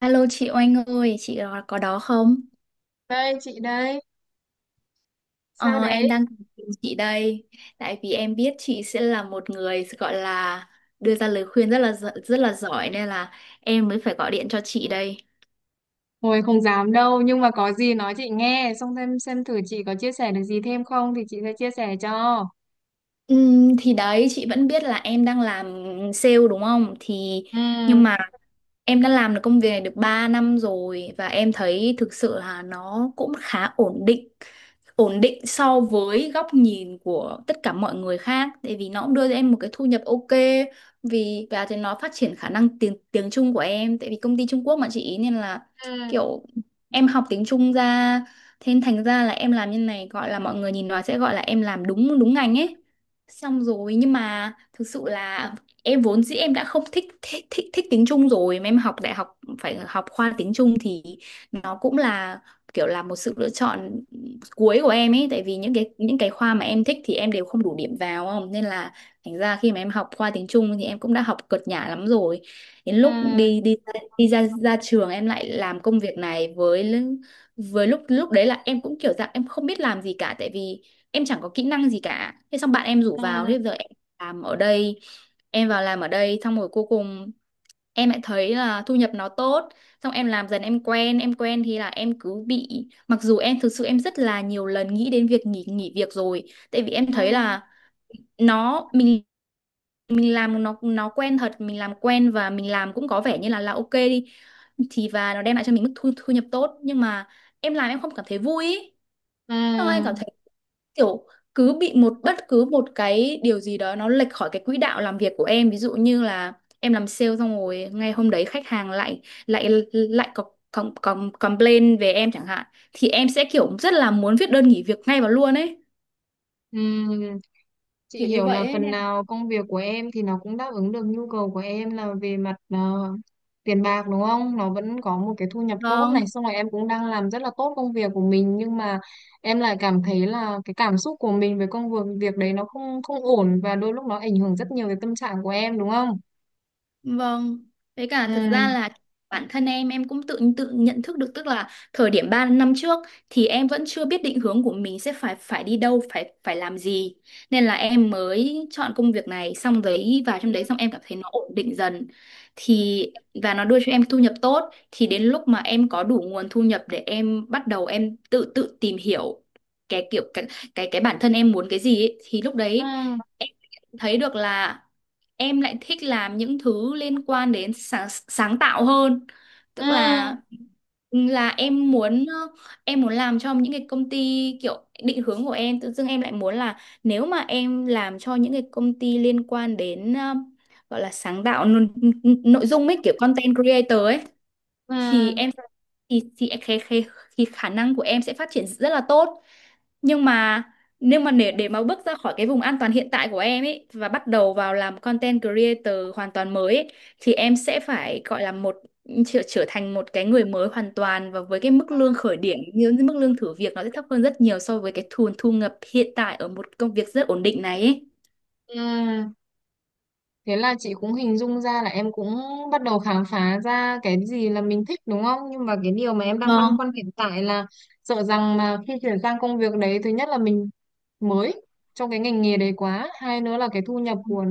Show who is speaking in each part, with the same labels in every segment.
Speaker 1: Alo chị Oanh ơi, có đó không?
Speaker 2: Đây chị đây, sao
Speaker 1: Ờ, em
Speaker 2: đấy?
Speaker 1: đang tìm chị đây, tại vì em biết chị sẽ là một người gọi là đưa ra lời khuyên rất là giỏi nên là em mới phải gọi điện cho chị đây.
Speaker 2: Hồi không dám đâu nhưng mà có gì nói chị nghe xong xem thử chị có chia sẻ được gì thêm không thì chị sẽ chia sẻ cho.
Speaker 1: Thì đấy chị vẫn biết là em đang làm sale đúng không? Thì
Speaker 2: Ừ,
Speaker 1: nhưng mà em đã làm được công việc này được 3 năm rồi và em thấy thực sự là nó cũng khá ổn định. Ổn định so với góc nhìn của tất cả mọi người khác, tại vì nó cũng đưa cho em một cái thu nhập ok, vì và thì nó phát triển khả năng tiếng tiếng Trung của em, tại vì công ty Trung Quốc mà chị, nên là
Speaker 2: ừ,
Speaker 1: kiểu em học tiếng Trung ra. Thế nên thành ra là em làm như này, gọi là mọi người nhìn nói sẽ gọi là em làm đúng đúng ngành ấy, xong rồi nhưng mà thực sự là em vốn dĩ em đã không thích tiếng Trung rồi, mà em học đại học phải học khoa tiếng Trung thì nó cũng là kiểu là một sự lựa chọn cuối của em ấy, tại vì những cái khoa mà em thích thì em đều không đủ điểm vào không, nên là thành ra khi mà em học khoa tiếng Trung thì em cũng đã học cợt nhả lắm rồi. Đến lúc
Speaker 2: ừ,
Speaker 1: đi đi đi ra ra trường em lại làm công việc này, với lúc lúc đấy là em cũng kiểu dạng em không biết làm gì cả, tại vì em chẳng có kỹ năng gì cả, thế xong bạn em rủ
Speaker 2: ừ,
Speaker 1: vào, thế giờ em làm ở đây. Em vào làm ở đây xong rồi cuối cùng em lại thấy là thu nhập nó tốt, xong em làm dần em quen em quen, thì là em cứ bị, mặc dù em thực sự em rất là nhiều lần nghĩ đến việc nghỉ nghỉ việc rồi, tại vì em
Speaker 2: ừ,
Speaker 1: thấy là nó mình làm nó quen thật, mình làm quen và mình làm cũng có vẻ như là ok đi thì, và nó đem lại cho mình mức thu nhập tốt, nhưng mà em làm em không cảm thấy vui ý.
Speaker 2: ừ,
Speaker 1: Xong anh cảm thấy kiểu cứ bị một, bất cứ một cái điều gì đó nó lệch khỏi cái quỹ đạo làm việc của em, ví dụ như là em làm sale xong rồi ngay hôm đấy khách hàng lại lại lại có có complain về em chẳng hạn, thì em sẽ kiểu rất là muốn viết đơn nghỉ việc ngay vào luôn ấy,
Speaker 2: ừ. Chị
Speaker 1: kiểu như
Speaker 2: hiểu
Speaker 1: vậy
Speaker 2: là
Speaker 1: ấy
Speaker 2: phần nào công việc của em thì nó cũng đáp ứng được nhu cầu của em là về mặt tiền bạc đúng không? Nó vẫn có một cái thu nhập
Speaker 1: nè.
Speaker 2: tốt này, xong rồi em cũng đang làm rất là tốt công việc của mình nhưng mà em lại cảm thấy là cái cảm xúc của mình về công việc việc đấy nó không không ổn và đôi lúc nó ảnh hưởng rất nhiều tới tâm trạng của em đúng không?
Speaker 1: Vâng, với cả thật
Speaker 2: Ừ.
Speaker 1: ra là bản thân em cũng tự tự nhận thức được, tức là thời điểm 3 năm trước thì em vẫn chưa biết định hướng của mình sẽ phải phải đi đâu, phải phải làm gì. Nên là em mới chọn công việc này xong đấy vào trong đấy, xong em cảm thấy nó ổn định dần. Thì và nó đưa cho em thu nhập tốt, thì đến lúc mà em có đủ nguồn thu nhập để em bắt đầu em tự tự tìm hiểu cái kiểu cái cái bản thân em muốn cái gì ấy, thì lúc đấy
Speaker 2: Ừ.
Speaker 1: em thấy được là em lại thích làm những thứ liên quan đến sáng tạo hơn,
Speaker 2: Ừ.
Speaker 1: tức là em muốn, em muốn làm cho những cái công ty kiểu định hướng của em, tự dưng em lại muốn là nếu mà em làm cho những cái công ty liên quan đến, gọi là sáng tạo nội dung ấy, kiểu content creator ấy,
Speaker 2: Ừ.
Speaker 1: thì em thì cái khả năng của em sẽ phát triển rất là tốt. Nhưng mà để mà bước ra khỏi cái vùng an toàn hiện tại của em ấy và bắt đầu vào làm content creator hoàn toàn mới ấy, thì em sẽ phải gọi là một trở thành một cái người mới hoàn toàn, và với cái mức lương khởi điểm như mức lương thử việc nó sẽ thấp hơn rất nhiều so với cái thu thu nhập hiện tại ở một công việc rất ổn định này ấy.
Speaker 2: Ừ. Thế là chị cũng hình dung ra là em cũng bắt đầu khám phá ra cái gì là mình thích đúng không? Nhưng mà cái điều mà em đang băn
Speaker 1: Vâng,
Speaker 2: khoăn hiện tại là sợ rằng mà khi chuyển sang công việc đấy, thứ nhất là mình mới trong cái ngành nghề đấy quá, hai nữa là cái thu nhập của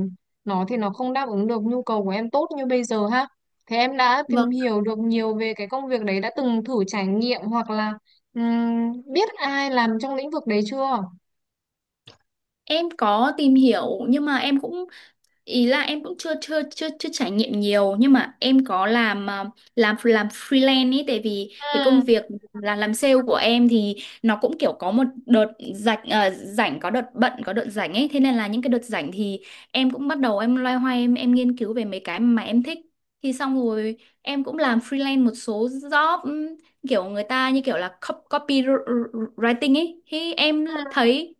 Speaker 2: nó thì nó không đáp ứng được nhu cầu của em tốt như bây giờ ha. Thế em đã
Speaker 1: vâng.
Speaker 2: tìm hiểu được nhiều về cái công việc đấy, đã từng thử trải nghiệm hoặc là biết ai làm trong lĩnh vực đấy chưa?
Speaker 1: Em có tìm hiểu nhưng mà em cũng, ý là em cũng chưa chưa chưa chưa trải nghiệm nhiều, nhưng mà em có làm, làm freelance ấy, tại vì cái công
Speaker 2: Ừ,
Speaker 1: việc là làm sale của em thì nó cũng kiểu có một đợt rảnh, rảnh có đợt bận có đợt rảnh ấy, thế nên là những cái đợt rảnh thì em cũng bắt đầu em loay hoay em nghiên cứu về mấy cái mà em thích, thì xong rồi em cũng làm freelance một số job, kiểu người ta như kiểu là copywriting ấy, thì
Speaker 2: ừ,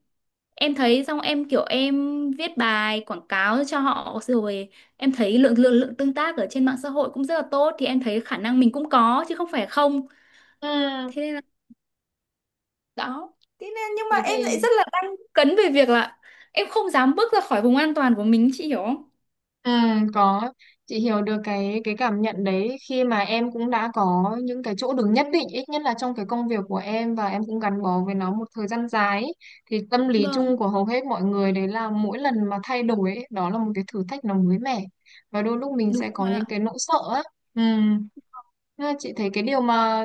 Speaker 1: em thấy xong em kiểu em viết bài quảng cáo cho họ rồi, em thấy lượng lượng lượng tương tác ở trên mạng xã hội cũng rất là tốt, thì em thấy khả năng mình cũng có chứ không phải không.
Speaker 2: ừ.
Speaker 1: Thế nên là đó, thế nên nhưng mà
Speaker 2: Thế
Speaker 1: em lại
Speaker 2: thì.
Speaker 1: rất là đang cấn về việc là em không dám bước ra khỏi vùng an toàn của mình, chị hiểu không?
Speaker 2: Ừ, có, chị hiểu được cái cảm nhận đấy khi mà em cũng đã có những cái chỗ đứng nhất định ít nhất là trong cái công việc của em và em cũng gắn bó với nó một thời gian dài ấy. Thì tâm lý
Speaker 1: Vâng,
Speaker 2: chung của hầu hết mọi người đấy là mỗi lần mà thay đổi ấy, đó là một cái thử thách nó mới mẻ và đôi lúc mình
Speaker 1: đúng
Speaker 2: sẽ có
Speaker 1: rồi
Speaker 2: những
Speaker 1: ạ.
Speaker 2: cái nỗi sợ á. Ừ. Thế là chị thấy cái điều mà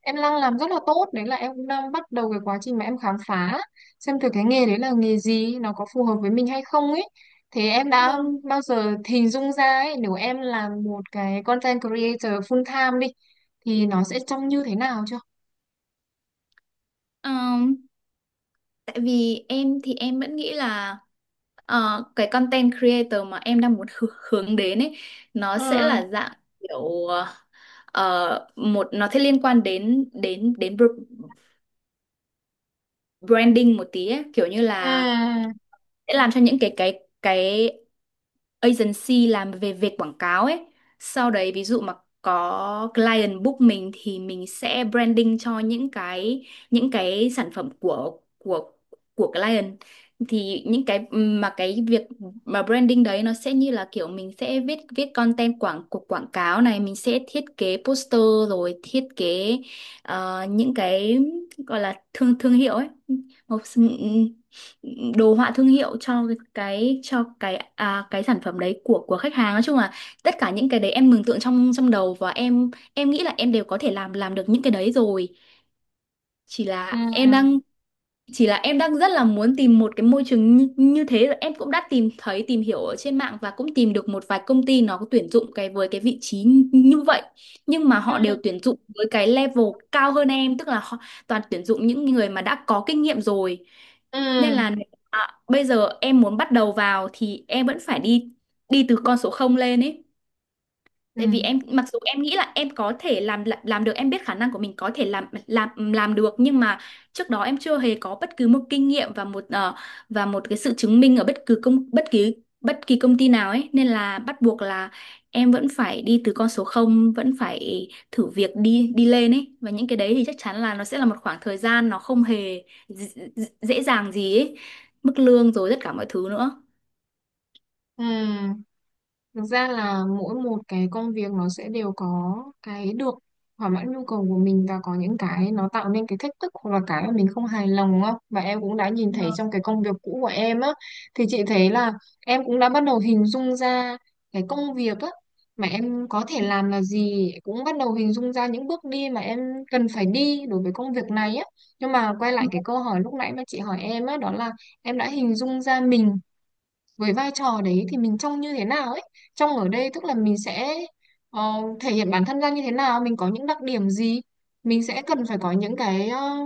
Speaker 2: em đang làm rất là tốt đấy là em cũng đang bắt đầu cái quá trình mà em khám phá xem thử cái nghề đấy là nghề gì nó có phù hợp với mình hay không ấy. Thế em đã
Speaker 1: Vâng.
Speaker 2: bao giờ hình dung ra ấy nếu em làm một cái content creator full time đi thì nó sẽ trông như thế nào chưa?
Speaker 1: Ờ, Tại vì em thì em vẫn nghĩ là, ờ, cái content creator mà em đang muốn hướng đến ấy, nó sẽ
Speaker 2: Ừ,
Speaker 1: là dạng kiểu, một nó sẽ liên quan đến đến đến branding một tí ấy. Kiểu như
Speaker 2: ừ,
Speaker 1: là sẽ làm cho những cái agency làm về việc quảng cáo ấy. Sau đấy ví dụ mà có client book mình thì mình sẽ branding cho những cái sản phẩm của của client. Thì những cái mà cái việc mà branding đấy nó sẽ như là kiểu mình sẽ viết viết content quảng cáo này, mình sẽ thiết kế poster rồi thiết kế, những cái gọi là thương thương hiệu ấy. Một, đồ họa thương hiệu cho cái, cái sản phẩm đấy của khách hàng, nói chung là tất cả những cái đấy em mường tượng trong trong đầu, và em nghĩ là em đều có thể làm được những cái đấy rồi. Chỉ
Speaker 2: ừ,
Speaker 1: là em đang rất là muốn tìm một cái môi trường như thế, rồi em cũng đã tìm hiểu ở trên mạng và cũng tìm được một vài công ty nó có tuyển dụng cái với cái vị trí như như vậy, nhưng mà
Speaker 2: ừ,
Speaker 1: họ đều tuyển dụng với cái level cao hơn em, tức là họ toàn tuyển dụng những người mà đã có kinh nghiệm rồi, nên
Speaker 2: ừ,
Speaker 1: là nếu mà bây giờ em muốn bắt đầu vào thì em vẫn phải đi đi từ con số không lên ấy.
Speaker 2: ừ,
Speaker 1: Tại vì em mặc dù em nghĩ là em có thể làm được, em biết khả năng của mình có thể làm được, nhưng mà trước đó em chưa hề có bất cứ một kinh nghiệm và một, và một cái sự chứng minh ở bất kỳ công ty nào ấy, nên là bắt buộc là em vẫn phải đi từ con số không, vẫn phải thử việc đi đi lên ấy, và những cái đấy thì chắc chắn là nó sẽ là một khoảng thời gian nó không hề dễ dàng gì ấy, mức lương rồi tất cả mọi thứ nữa.
Speaker 2: ừ. Thực ra là mỗi một cái công việc nó sẽ đều có cái được thỏa mãn nhu cầu của mình và có những cái nó tạo nên cái thách thức hoặc là cái mà mình không hài lòng, đúng. Và em cũng đã nhìn thấy trong cái công việc cũ của em á thì chị thấy là em cũng đã bắt đầu hình dung ra cái công việc á mà em có thể làm là gì, cũng bắt đầu hình dung ra những bước đi mà em cần phải đi đối với công việc này á. Nhưng mà quay lại cái câu hỏi lúc nãy mà chị hỏi em á, đó là em đã hình dung ra mình với vai trò đấy thì mình trông như thế nào ấy. Trông ở đây tức là mình sẽ ờ, thể hiện bản thân ra như thế nào, mình có những đặc điểm gì, mình sẽ cần phải có những cái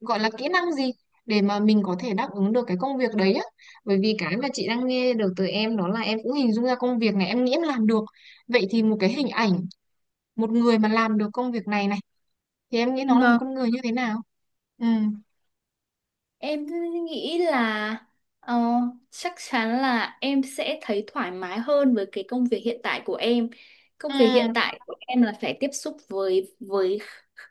Speaker 2: gọi là kỹ năng gì để mà mình có thể đáp ứng được cái công việc đấy á. Bởi vì cái mà chị đang nghe được từ em đó là em cũng hình dung ra công việc này em nghĩ em làm được, vậy thì một cái hình ảnh một người mà làm được công việc này này thì em nghĩ nó là một
Speaker 1: Vâng.
Speaker 2: con người như thế nào? Ừ,
Speaker 1: Em nghĩ là, ờ, chắc chắn là em sẽ thấy thoải mái hơn với cái công việc hiện tại của em. Công
Speaker 2: ừ,
Speaker 1: việc hiện tại của em là phải tiếp xúc với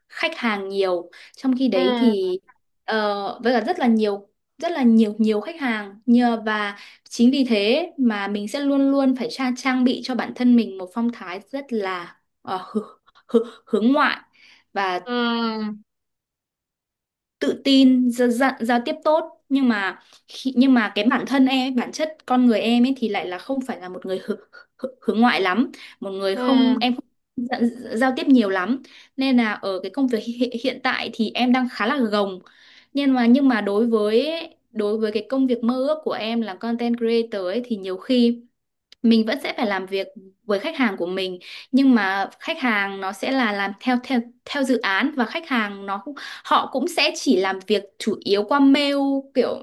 Speaker 1: khách hàng nhiều. Trong khi
Speaker 2: ừ,
Speaker 1: đấy thì với cả rất là nhiều nhiều khách hàng nhờ và chính vì thế mà mình sẽ luôn luôn phải trang bị cho bản thân mình một phong thái rất là hướng ngoại và
Speaker 2: ừ,
Speaker 1: tự tin gia, gia, giao tiếp tốt, nhưng mà nhưng mà cái bản thân em ấy, bản chất con người em ấy thì lại là không phải là một người hướng ngoại lắm, một người
Speaker 2: ừ.
Speaker 1: không dạ- giao tiếp nhiều lắm. Nên là ở cái công việc hiện tại thì em đang khá là gồng, nhưng mà đối với cái công việc mơ ước của em là content creator ấy thì nhiều khi mình vẫn sẽ phải làm việc với khách hàng của mình, nhưng mà khách hàng nó sẽ là làm theo theo theo dự án, và khách hàng, họ cũng sẽ chỉ làm việc chủ yếu qua mail, kiểu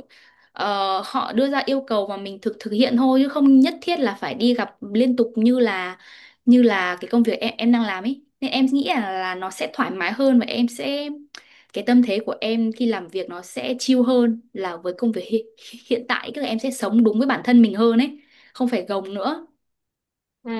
Speaker 1: họ đưa ra yêu cầu và mình thực thực hiện thôi, chứ không nhất thiết là phải đi gặp liên tục như là cái công việc em đang làm ấy. Nên em nghĩ là nó sẽ thoải mái hơn, và em sẽ cái tâm thế của em khi làm việc nó sẽ chill hơn là với công việc hiện tại, tức là em sẽ sống đúng với bản thân mình hơn ấy, không phải gồng nữa.
Speaker 2: Ừ.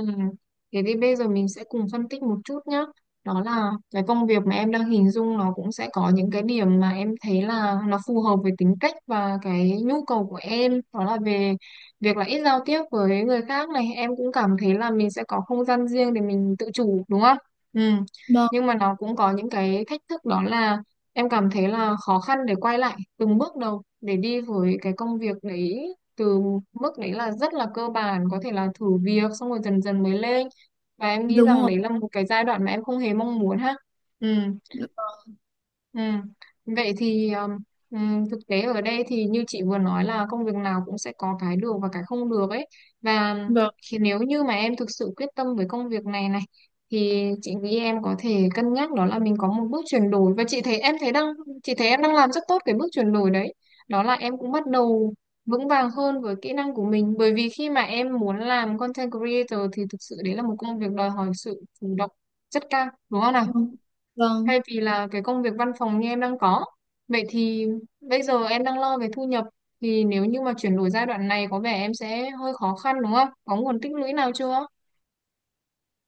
Speaker 2: Thế thì bây giờ mình sẽ cùng phân tích một chút nhé. Đó là cái công việc mà em đang hình dung nó cũng sẽ có những cái điểm mà em thấy là nó phù hợp với tính cách và cái nhu cầu của em. Đó là về việc là ít giao tiếp với người khác này. Em cũng cảm thấy là mình sẽ có không gian riêng để mình tự chủ đúng không? Ừ.
Speaker 1: Vâng,
Speaker 2: Nhưng mà nó cũng có những cái thách thức, đó là em cảm thấy là khó khăn để quay lại từng bước đầu để đi với cái công việc đấy từ mức đấy là rất là cơ bản, có thể là thử việc xong rồi dần dần mới lên, và em nghĩ
Speaker 1: đúng
Speaker 2: rằng
Speaker 1: rồi.
Speaker 2: đấy là một cái giai đoạn mà em không hề mong muốn ha. Ừ. Ừ. Vậy thì thực tế ở đây thì như chị vừa nói là công việc nào cũng sẽ có cái được và cái không được ấy, và
Speaker 1: Vâng,
Speaker 2: khi nếu như mà em thực sự quyết tâm với công việc này này thì chị nghĩ em có thể cân nhắc, đó là mình có một bước chuyển đổi, và chị thấy em đang làm rất tốt cái bước chuyển đổi đấy. Đó là em cũng bắt đầu vững vàng hơn với kỹ năng của mình, bởi vì khi mà em muốn làm content creator thì thực sự đấy là một công việc đòi hỏi sự chủ động rất cao đúng không nào,
Speaker 1: vâng, vâng.
Speaker 2: thay vì là cái công việc văn phòng như em đang có. Vậy thì bây giờ em đang lo về thu nhập, thì nếu như mà chuyển đổi giai đoạn này có vẻ em sẽ hơi khó khăn đúng không? Có nguồn tích lũy nào chưa?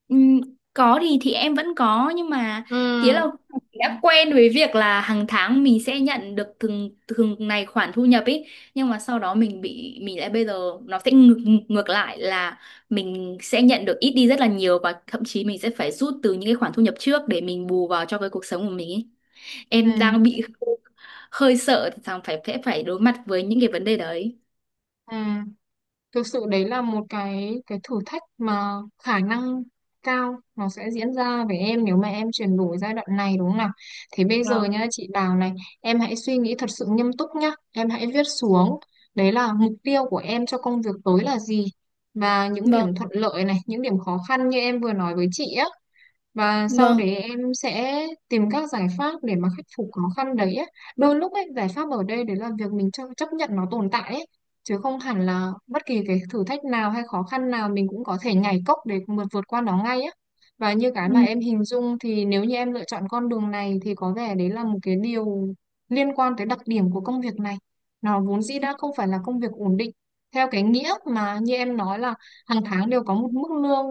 Speaker 1: Ừm, có thì em vẫn có, nhưng mà nghĩa
Speaker 2: Ừm.
Speaker 1: là đã quen với việc là hàng tháng mình sẽ nhận được từng từng này khoản thu nhập ấy, nhưng mà sau đó mình lại bây giờ nó sẽ ngược ngược lại là mình sẽ nhận được ít đi rất là nhiều, và thậm chí mình sẽ phải rút từ những cái khoản thu nhập trước để mình bù vào cho cái cuộc sống của mình ấy.
Speaker 2: Ừ,
Speaker 1: Em đang bị hơi sợ rằng phải phải phải đối mặt với những cái vấn đề đấy.
Speaker 2: ừ. Thực sự đấy là một cái thử thách mà khả năng cao nó sẽ diễn ra với em nếu mà em chuyển đổi giai đoạn này đúng không nào. Thế bây giờ nhá chị Đào này, em hãy suy nghĩ thật sự nghiêm túc nhá, em hãy viết xuống đấy là mục tiêu của em cho công việc tới là gì, và những
Speaker 1: Vâng,
Speaker 2: điểm thuận lợi này, những điểm khó khăn như em vừa nói với chị á, và sau
Speaker 1: vâng.
Speaker 2: đấy em sẽ tìm các giải pháp để mà khắc phục khó khăn đấy á. Đôi lúc ấy, giải pháp ở đây đấy là việc mình chấp nhận nó tồn tại ấy, chứ không hẳn là bất kỳ cái thử thách nào hay khó khăn nào mình cũng có thể nhảy cốc để vượt vượt qua nó ngay á. Và như cái mà em hình dung thì nếu như em lựa chọn con đường này thì có vẻ đấy là một cái điều liên quan tới đặc điểm của công việc này. Nó vốn dĩ đã không phải là công việc ổn định theo cái nghĩa mà như em nói là hàng tháng đều có một mức lương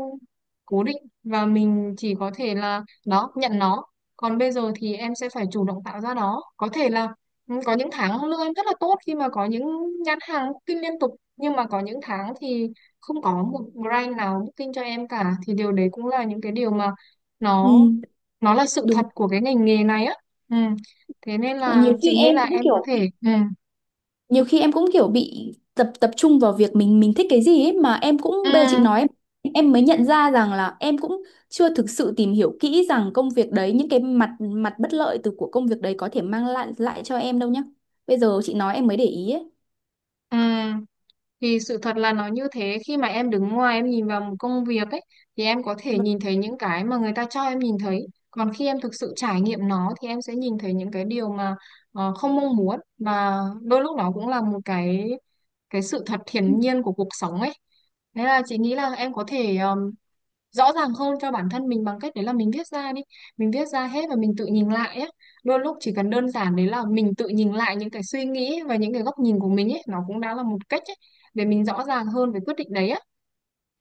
Speaker 2: cố định và mình chỉ có thể là đó nhận nó, còn bây giờ thì em sẽ phải chủ động tạo ra nó, có thể là. Ừ, có những tháng lương em rất là tốt khi mà có những nhãn hàng booking liên tục, nhưng mà có những tháng thì không có một brand nào booking cho em cả, thì điều đấy cũng là những cái điều mà
Speaker 1: Ừ,
Speaker 2: nó nó là sự
Speaker 1: đúng.
Speaker 2: thật của cái ngành nghề này á. Ừ. Thế nên là
Speaker 1: Nhiều
Speaker 2: chị
Speaker 1: khi
Speaker 2: nghĩ
Speaker 1: em
Speaker 2: là
Speaker 1: cũng
Speaker 2: em có thể, ừ.
Speaker 1: nhiều khi em cũng kiểu bị tập tập trung vào việc mình thích cái gì ấy, mà em cũng bây giờ chị
Speaker 2: Ừ.
Speaker 1: nói em mới nhận ra rằng là em cũng chưa thực sự tìm hiểu kỹ rằng công việc đấy những cái mặt mặt bất lợi từ của công việc đấy có thể mang lại lại cho em đâu nhá. Bây giờ chị nói em mới để ý ấy.
Speaker 2: Ừ. Thì sự thật là nó như thế, khi mà em đứng ngoài em nhìn vào một công việc ấy thì em có thể
Speaker 1: Vâng.
Speaker 2: nhìn thấy những cái mà người ta cho em nhìn thấy, còn khi em thực sự trải nghiệm nó thì em sẽ nhìn thấy những cái điều mà không mong muốn, và đôi lúc nó cũng là một cái sự thật hiển nhiên của cuộc sống ấy. Thế là chị nghĩ là em có thể rõ ràng hơn cho bản thân mình bằng cách đấy là mình viết ra đi, mình viết ra hết và mình tự nhìn lại ấy. Đôi lúc chỉ cần đơn giản đấy là mình tự nhìn lại những cái suy nghĩ và những cái góc nhìn của mình ấy, nó cũng đã là một cách ấy để mình rõ ràng hơn về quyết định đấy á.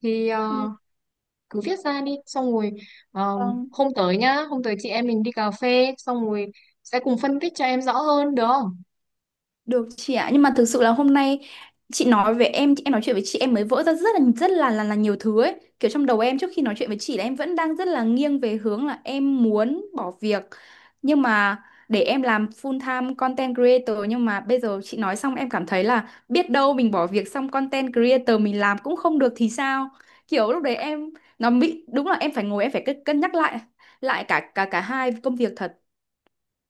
Speaker 2: Thì cứ viết ra đi, xong rồi ờ,
Speaker 1: Ừ.
Speaker 2: hôm tới nhá, hôm tới chị em mình đi cà phê xong rồi sẽ cùng phân tích cho em rõ hơn được không?
Speaker 1: Được chị ạ, nhưng mà thực sự là hôm nay chị nói với em nói chuyện với chị em mới vỡ ra rất là là nhiều thứ ấy. Kiểu trong đầu em trước khi nói chuyện với chị là em vẫn đang rất là nghiêng về hướng là em muốn bỏ việc. Nhưng mà để em làm full time content creator, nhưng mà bây giờ chị nói xong em cảm thấy là biết đâu mình bỏ việc xong content creator mình làm cũng không được thì sao? Kiểu lúc đấy em nó bị đúng là em phải ngồi em phải cân cân nhắc lại lại cả cả cả hai công việc thật.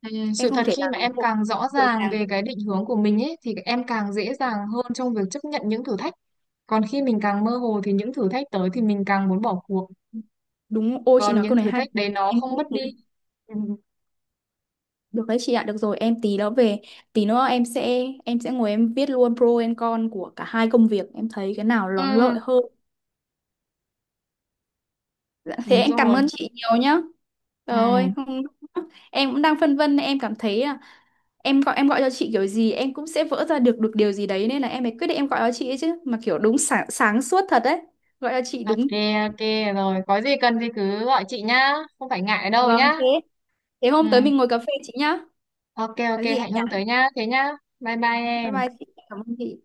Speaker 2: Ừ.
Speaker 1: Em
Speaker 2: Sự
Speaker 1: không
Speaker 2: thật
Speaker 1: thể
Speaker 2: khi mà
Speaker 1: làm
Speaker 2: em
Speaker 1: một.
Speaker 2: càng rõ ràng về cái định hướng của mình ấy thì em càng dễ dàng hơn trong việc chấp nhận những thử thách. Còn khi mình càng mơ hồ thì những thử thách tới thì mình càng muốn bỏ cuộc.
Speaker 1: Đúng, ô chị
Speaker 2: Còn
Speaker 1: nói
Speaker 2: những
Speaker 1: câu này
Speaker 2: thử
Speaker 1: hay.
Speaker 2: thách đấy nó
Speaker 1: Em
Speaker 2: không
Speaker 1: nghĩ
Speaker 2: mất đi.
Speaker 1: đến.
Speaker 2: Ừ,
Speaker 1: Được đấy chị ạ, được rồi, em tí nữa về, tí nữa em sẽ ngồi em viết luôn pro and con của cả hai công việc, em thấy cái nào nó lợi
Speaker 2: ừ,
Speaker 1: hơn. Dạ, thế
Speaker 2: đúng
Speaker 1: em cảm
Speaker 2: rồi.
Speaker 1: ơn chị nhiều nhá.
Speaker 2: Ừ,
Speaker 1: Trời ơi, em cũng đang phân vân, em cảm thấy à, em gọi cho chị kiểu gì em cũng sẽ vỡ ra được được điều gì đấy, nên là em mới quyết định em gọi cho chị ấy chứ, mà kiểu đúng sáng suốt thật đấy. Gọi cho chị
Speaker 2: ok,
Speaker 1: đúng.
Speaker 2: ok rồi. Có gì cần thì cứ gọi chị nhá. Không phải ngại đâu
Speaker 1: Vâng
Speaker 2: nhá.
Speaker 1: thế. Thế
Speaker 2: Ừ,
Speaker 1: hôm tới mình ngồi cà phê chị nhá.
Speaker 2: ok,
Speaker 1: Có
Speaker 2: ok,
Speaker 1: gì em
Speaker 2: hẹn hôm
Speaker 1: nhắn.
Speaker 2: tới nhá. Thế nhá. Bye bye
Speaker 1: Bye
Speaker 2: em.
Speaker 1: bye chị, cảm ơn chị.